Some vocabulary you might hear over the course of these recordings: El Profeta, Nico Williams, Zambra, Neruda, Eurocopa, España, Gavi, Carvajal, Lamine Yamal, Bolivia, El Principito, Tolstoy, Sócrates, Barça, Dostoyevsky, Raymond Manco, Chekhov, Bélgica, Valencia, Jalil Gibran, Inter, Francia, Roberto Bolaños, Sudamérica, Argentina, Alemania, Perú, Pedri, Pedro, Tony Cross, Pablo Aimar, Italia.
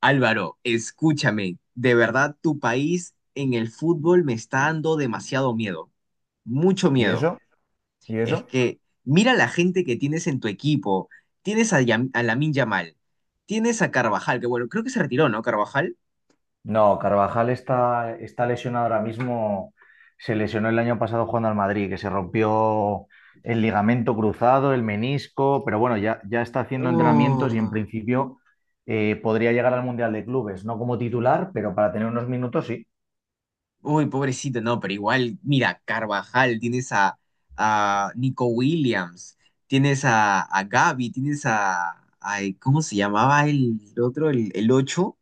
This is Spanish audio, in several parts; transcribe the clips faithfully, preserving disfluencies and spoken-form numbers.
Álvaro, escúchame, de verdad tu país en el fútbol me está dando demasiado miedo, mucho ¿Y miedo. eso? ¿Y Es eso? que mira la gente que tienes en tu equipo, tienes a, Yam- a Lamine Yamal, tienes a Carvajal, que bueno, creo que se retiró, ¿no? Carvajal. No, Carvajal está, está lesionado ahora mismo. Se lesionó el año pasado jugando al Madrid, que se rompió el ligamento cruzado, el menisco, pero bueno, ya, ya está haciendo entrenamientos y en Oh, principio eh, podría llegar al Mundial de Clubes, no como titular, pero para tener unos minutos sí. uy, pobrecito, no, pero igual, mira, Carvajal, tienes a, a Nico Williams, tienes a, a Gavi, tienes a, ay, ¿cómo se llamaba el otro, el, el ocho.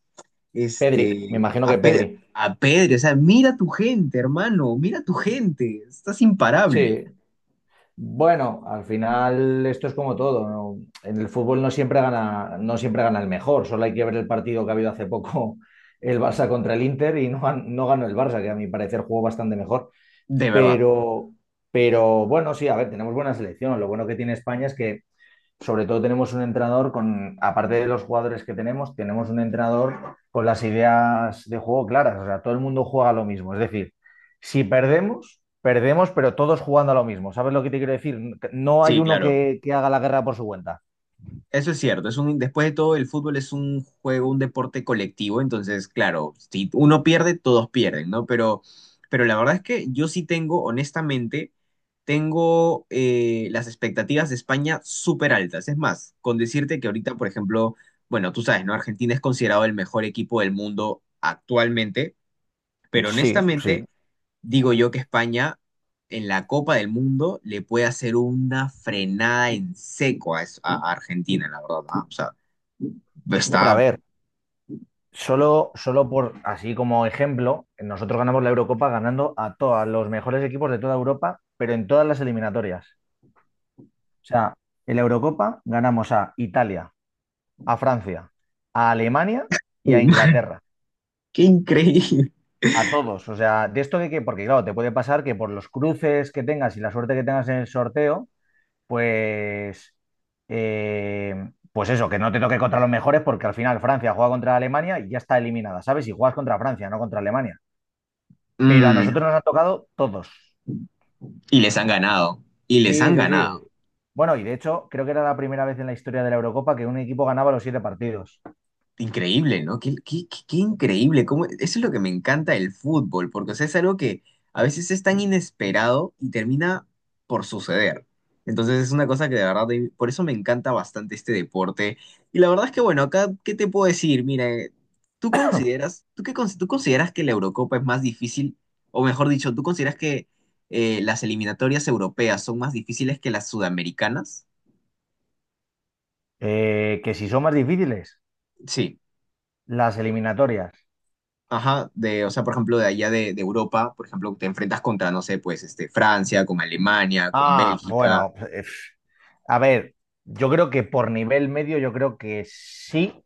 Pedri, me este, imagino que a Pedro, Pedri. a Pedro, o sea, mira tu gente, hermano, mira tu gente, estás imparable, Sí. Bueno, al final esto es como todo, ¿no? En el fútbol no siempre gana, no siempre gana el mejor, solo hay que ver el partido que ha habido hace poco el Barça contra el Inter y no, gan- no ganó el Barça, que a mi parecer jugó bastante mejor, de verdad. pero, pero bueno, sí, a ver, tenemos buena selección. Lo bueno que tiene España es que sobre todo tenemos un entrenador con, aparte de los jugadores que tenemos, tenemos un entrenador con las ideas de juego claras. O sea, todo el mundo juega lo mismo. Es decir, si perdemos, perdemos, pero todos jugando a lo mismo. ¿Sabes lo que te quiero decir? No hay Sí, uno claro, que, que haga la guerra por su cuenta. eso es cierto, es un, después de todo el fútbol es un juego, un deporte colectivo, entonces, claro, si uno pierde, todos pierden, ¿no? Pero, pero la verdad es que yo sí tengo, honestamente, tengo eh, las expectativas de España súper altas. Es más, con decirte que ahorita, por ejemplo, bueno, tú sabes, ¿no? Argentina es considerado el mejor equipo del mundo actualmente. Pero Sí, sí. honestamente, digo yo que España en la Copa del Mundo le puede hacer una frenada en seco a, es- a Argentina, la verdad. ¿No? O sea, Hombre, a está... ver, solo, solo por, así como ejemplo, nosotros ganamos la Eurocopa ganando a todos los mejores equipos de toda Europa, pero en todas las eliminatorias. O sea, en la Eurocopa ganamos a Italia, a Francia, a Alemania y a Inglaterra. ¡Qué increíble! A todos. O sea, de esto de que, porque claro, te puede pasar que por los cruces que tengas y la suerte que tengas en el sorteo, pues, eh, pues eso, que no te toque contra los mejores, porque al final Francia juega contra Alemania y ya está eliminada, ¿sabes? Y juegas contra Francia, no contra Alemania. Pero a Mm, nosotros nos han tocado todos. y les han ganado. Y les Sí, han sí, sí. ganado. Bueno, y de hecho, creo que era la primera vez en la historia de la Eurocopa que un equipo ganaba los siete partidos. Increíble, ¿no? Qué, qué- qué- qué increíble. cómo- Eso es lo que me encanta del fútbol, porque o sea, es algo que a veces es tan inesperado y termina por suceder. Entonces es una cosa que de verdad, de- por eso me encanta bastante este deporte. Y la verdad es que, bueno, acá, ¿qué te puedo decir? Mira, eh, ¿tú consideras, tú qué, cons- tú consideras que la Eurocopa es más difícil, o mejor dicho, ¿tú consideras que eh, las eliminatorias europeas son más difíciles que las sudamericanas? Eh, que si son más difíciles, Sí. las eliminatorias. Ajá, de, o sea, por ejemplo, de allá de, de Europa, por ejemplo, te enfrentas contra, no sé, pues, este, Francia, con Alemania, con Ah, Bélgica. bueno, eh, a ver, yo creo que por nivel medio, yo creo que sí.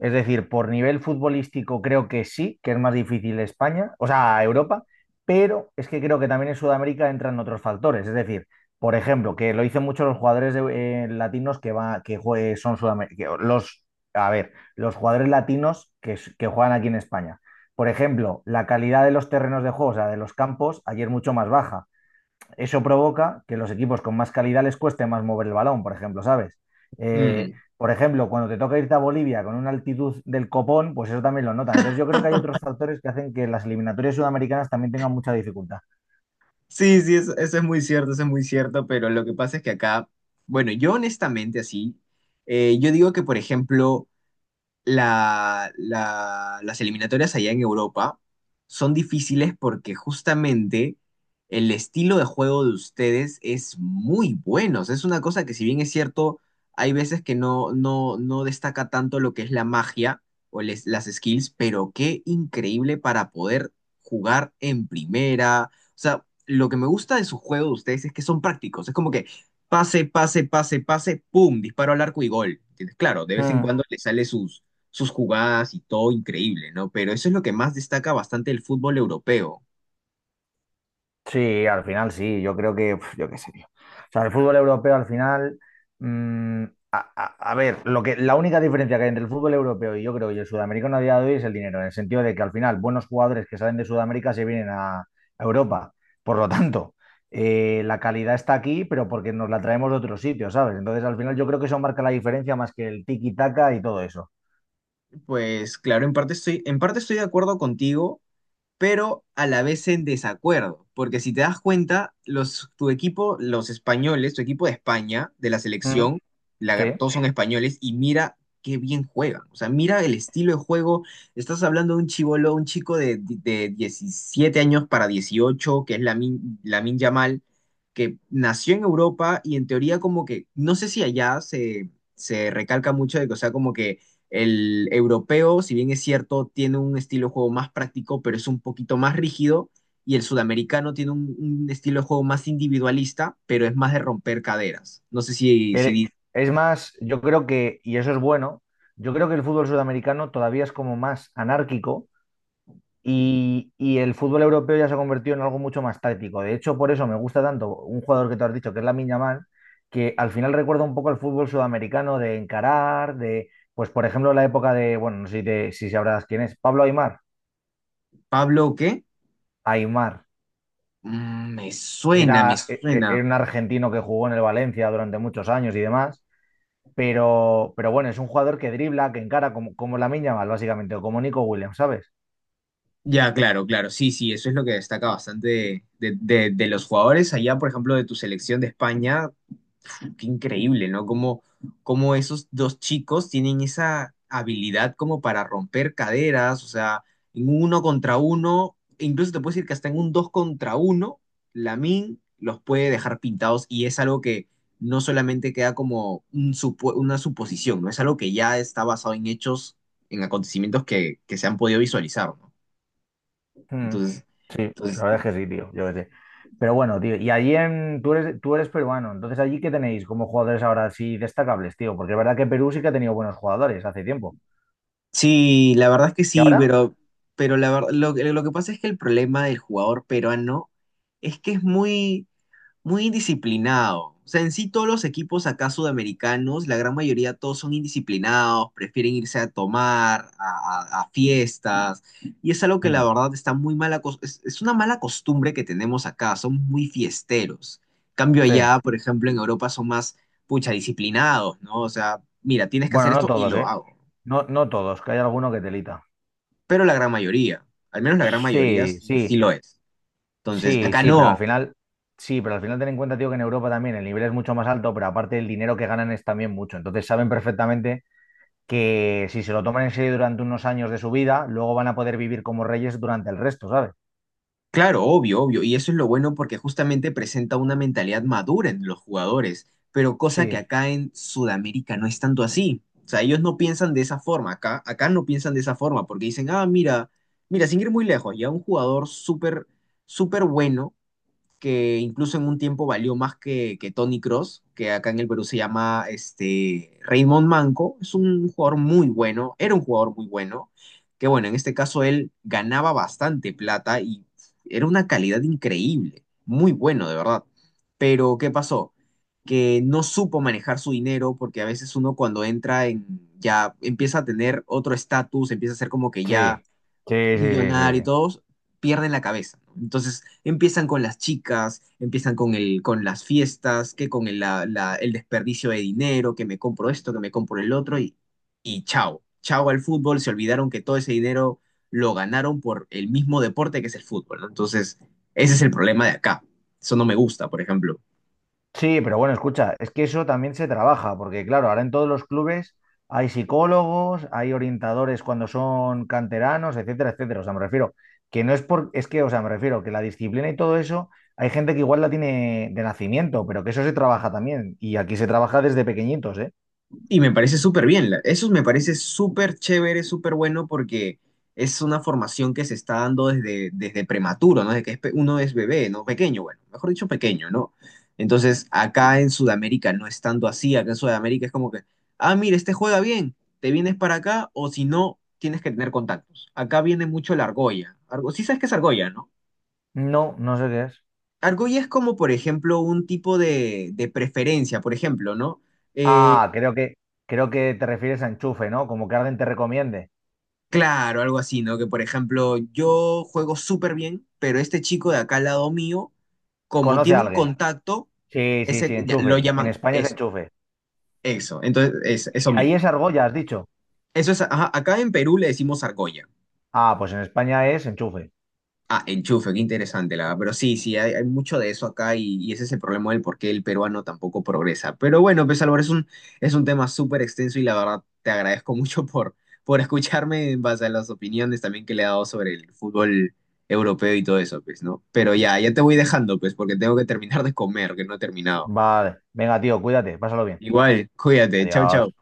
Es decir, por nivel futbolístico creo que sí, que es más difícil España, o sea, Europa, pero es que creo que también en Sudamérica entran otros factores. Es decir, por ejemplo, que lo dicen muchos los jugadores de- eh, latinos que, va, que jue- son sudamericanos. Los, a ver, los jugadores latinos que, s- que juegan aquí en España. Por ejemplo, la calidad de los terrenos de juego, o sea, de los campos, ayer mucho más baja, eso provoca que los equipos con más calidad les cueste más mover el balón, por ejemplo, ¿sabes? Eh, Mm. por ejemplo, cuando te toca irte a Bolivia con una altitud del copón, pues eso también lo notan. Entonces yo creo que hay otros factores que hacen que las eliminatorias sudamericanas también tengan mucha dificultad. Sí, sí, eso, eso es muy cierto, eso es muy cierto, pero lo que pasa es que acá, bueno, yo honestamente así, eh, yo digo que, por ejemplo, la- la- las eliminatorias allá en Europa son difíciles porque justamente el estilo de juego de ustedes es muy bueno. O sea, es una cosa que si bien es cierto, hay veces que no, no, no destaca tanto lo que es la magia o les- las skills, pero qué increíble para poder jugar en primera. O sea, lo que me gusta de su juego de ustedes es que son prácticos. Es como que pase, pase, pase, pase, pum, disparo al arco y gol. ¿Entiendes? Claro, de vez en Mm. cuando le sale sus sus jugadas y todo increíble, ¿no? Pero eso es lo que más destaca bastante el fútbol europeo. Sí, al final sí, yo creo que, uf, yo qué sé, tío. O sea, el fútbol europeo al final, mm, a, a- a ver, lo que, la única diferencia que hay entre el fútbol europeo y yo creo y el sudamericano a día de hoy es el dinero, en el sentido de que al final buenos jugadores que salen de Sudamérica se vienen a, a Europa. Por lo tanto, eh, la calidad está aquí, pero porque nos la traemos de otro sitio, ¿sabes? Entonces, al final yo creo que eso marca la diferencia más que el tiki-taka y todo eso. Pues claro, en parte estoy, en parte estoy de acuerdo contigo, pero a la vez en desacuerdo, porque si te das cuenta, los, tu equipo, los españoles, tu equipo de España, de la Ujú. selección, la- Sí. todos son españoles, y mira qué bien juegan, o sea, mira el estilo de juego, estás hablando de un chibolo, un chico de, de diecisiete años para dieciocho que es Lamin, Lamin Yamal, que nació en Europa y en teoría como que, no sé si allá se, se recalca mucho de que, o sea, como que el europeo, si bien es cierto, tiene un estilo de juego más práctico, pero es un poquito más rígido. Y el sudamericano tiene un, un estilo de juego más individualista, pero es más de romper caderas. No sé si, si Eh, di- es más, yo creo que, y eso es bueno, yo creo que el fútbol sudamericano todavía es como más anárquico y, y el fútbol europeo ya se ha convertido en algo mucho más táctico. De hecho, por eso me gusta tanto un jugador que tú has dicho, que es Lamine Yamal, que al final recuerda un poco al fútbol sudamericano de encarar, de, pues por ejemplo, la época de, bueno, no sé si, te- si sabrás quién es, Pablo Aimar. Pablo o qué. Aimar Mm, me suena, me era, e- e- suena. era un argentino que jugó en el Valencia durante muchos años y demás. Pero, pero bueno, es un jugador que dribla, que encara como, como Lamine Yamal, básicamente, o como Nico Williams, ¿sabes? Ya, claro, claro. Sí, sí, eso es lo que destaca bastante de, de- de- de los jugadores allá, por ejemplo, de tu selección de España. Qué increíble, ¿no? Como, como esos dos chicos tienen esa habilidad como para romper caderas, o sea, en un uno contra uno, e incluso te puedo decir que hasta en un dos contra uno, Lamin los puede dejar pintados y es algo que no solamente queda como un supo- una suposición, ¿no? Es algo que ya está basado en hechos, en acontecimientos que, que se han podido visualizar, ¿no? Mm. Entonces, Sí, la entonces verdad es que sí, tío, yo qué sé. Pero bueno, tío, y allí en, tú eres, tú eres peruano, entonces allí, ¿qué tenéis como jugadores ahora así destacables, tío? Porque es verdad que Perú sí que ha tenido buenos jugadores hace tiempo. Sí, la verdad es que ¿Y sí, ahora? pero, pero la ver- lo, que lo que pasa es que el problema del jugador peruano es que es muy, muy indisciplinado. O sea, en sí todos los equipos acá sudamericanos, la gran mayoría todos son indisciplinados, prefieren irse a tomar, a, a- a fiestas, y es algo que la Mm. verdad está muy mala, es, es una mala costumbre que tenemos acá, son muy fiesteros. Cambio Sí. allá, por ejemplo, en Europa son más, pucha, disciplinados, ¿no? O sea, mira, tienes que hacer Bueno, no esto y todos, lo ¿eh? hago No, no todos, que hay alguno que telita. pero la gran mayoría, al menos la gran mayoría Sí, sí, sí. sí lo es. Entonces, Sí, acá sí, pero al no, final, sí, pero al final ten en cuenta, tío, que en Europa también el nivel es mucho más alto, pero aparte el dinero que ganan es también mucho. Entonces saben perfectamente que si se lo toman en serio durante unos años de su vida, luego van a poder vivir como reyes durante el resto, ¿sabes? claro, obvio, obvio, y eso es lo bueno porque justamente presenta una mentalidad madura en los jugadores, pero cosa que Sí, acá en Sudamérica no es tanto así. O sea, ellos no piensan de esa forma, acá, acá no piensan de esa forma porque dicen, ah, mira, mira, sin ir muy lejos, ya un jugador súper, súper bueno que incluso en un tiempo valió más que, que Tony Cross, que acá en el Perú se llama este, Raymond Manco. Es un jugador muy bueno, era un jugador muy bueno, que bueno, en este caso él ganaba bastante plata y era una calidad increíble, muy bueno, de verdad. Pero, ¿qué pasó? Que no supo manejar su dinero, porque a veces uno cuando entra en, ya empieza a tener otro estatus, empieza a ser como que sí, ya sí, sí, sí, sí, millonaria y sí. todos pierden la cabeza. ¿No? Entonces empiezan con las chicas, empiezan con, el, con las fiestas, que con el, la- la- el desperdicio de dinero, que me compro esto, que me compro el otro y, y chao. Chao al fútbol, se olvidaron que todo ese dinero lo ganaron por el mismo deporte que es el fútbol, ¿no? Entonces, ese es el problema de acá. Eso no me gusta, por ejemplo. Sí, pero bueno, escucha, es que eso también se trabaja, porque claro, ahora en todos los clubes hay psicólogos, hay orientadores cuando son canteranos, etcétera, etcétera. O sea, me refiero que no es por, es que, o sea, me refiero que la disciplina y todo eso, hay gente que igual la tiene de nacimiento, pero que eso se trabaja también. Y aquí se trabaja desde pequeñitos, ¿eh? Y me parece súper bien, la- eso me parece súper chévere, súper bueno porque es una formación que se está dando desde, desde prematuro, ¿no? Desde que es pe- uno es bebé, ¿no? Pequeño, bueno, mejor dicho, pequeño, ¿no? Entonces, acá en Sudamérica no es tanto así, acá en Sudamérica es como que, ah, mira, este juega bien, te vienes para acá o si no, tienes que tener contactos. Acá viene mucho la argolla. Argo, sí sabes qué es argolla, ¿no? No, no sé qué es. Argolla es como, por ejemplo, un tipo de, de preferencia, por ejemplo, ¿no? Eh, Ah, creo que, creo que te refieres a enchufe, ¿no? Como que alguien te recomiende. claro, algo así, ¿no? Que por ejemplo, yo juego súper bien, pero este chico de acá al lado mío, como ¿Conoce tiene a un alguien? contacto, Sí, sí, ese sí, ya- lo enchufe. En llaman España es eso, enchufe. eso. Entonces, es, eso Ahí mismo. es argolla, has dicho. Eso es, ajá, acá en Perú le decimos argolla. Ah, pues en España es enchufe. Ah, enchufe, qué interesante, la verdad. Pero sí, sí, hay, hay mucho de eso acá y, y ese es el problema del por qué el peruano tampoco progresa. Pero bueno, pues Álvaro, es un, es un tema súper extenso y la verdad te agradezco mucho por, por escucharme en base a las opiniones también que le he dado sobre el fútbol europeo y todo eso, pues, ¿no? Pero ya, ya te voy dejando, pues, porque tengo que terminar de comer, que no he terminado. Vale. Venga, tío, cuídate. Pásalo bien. Igual, cuídate, chau, chau. Adiós.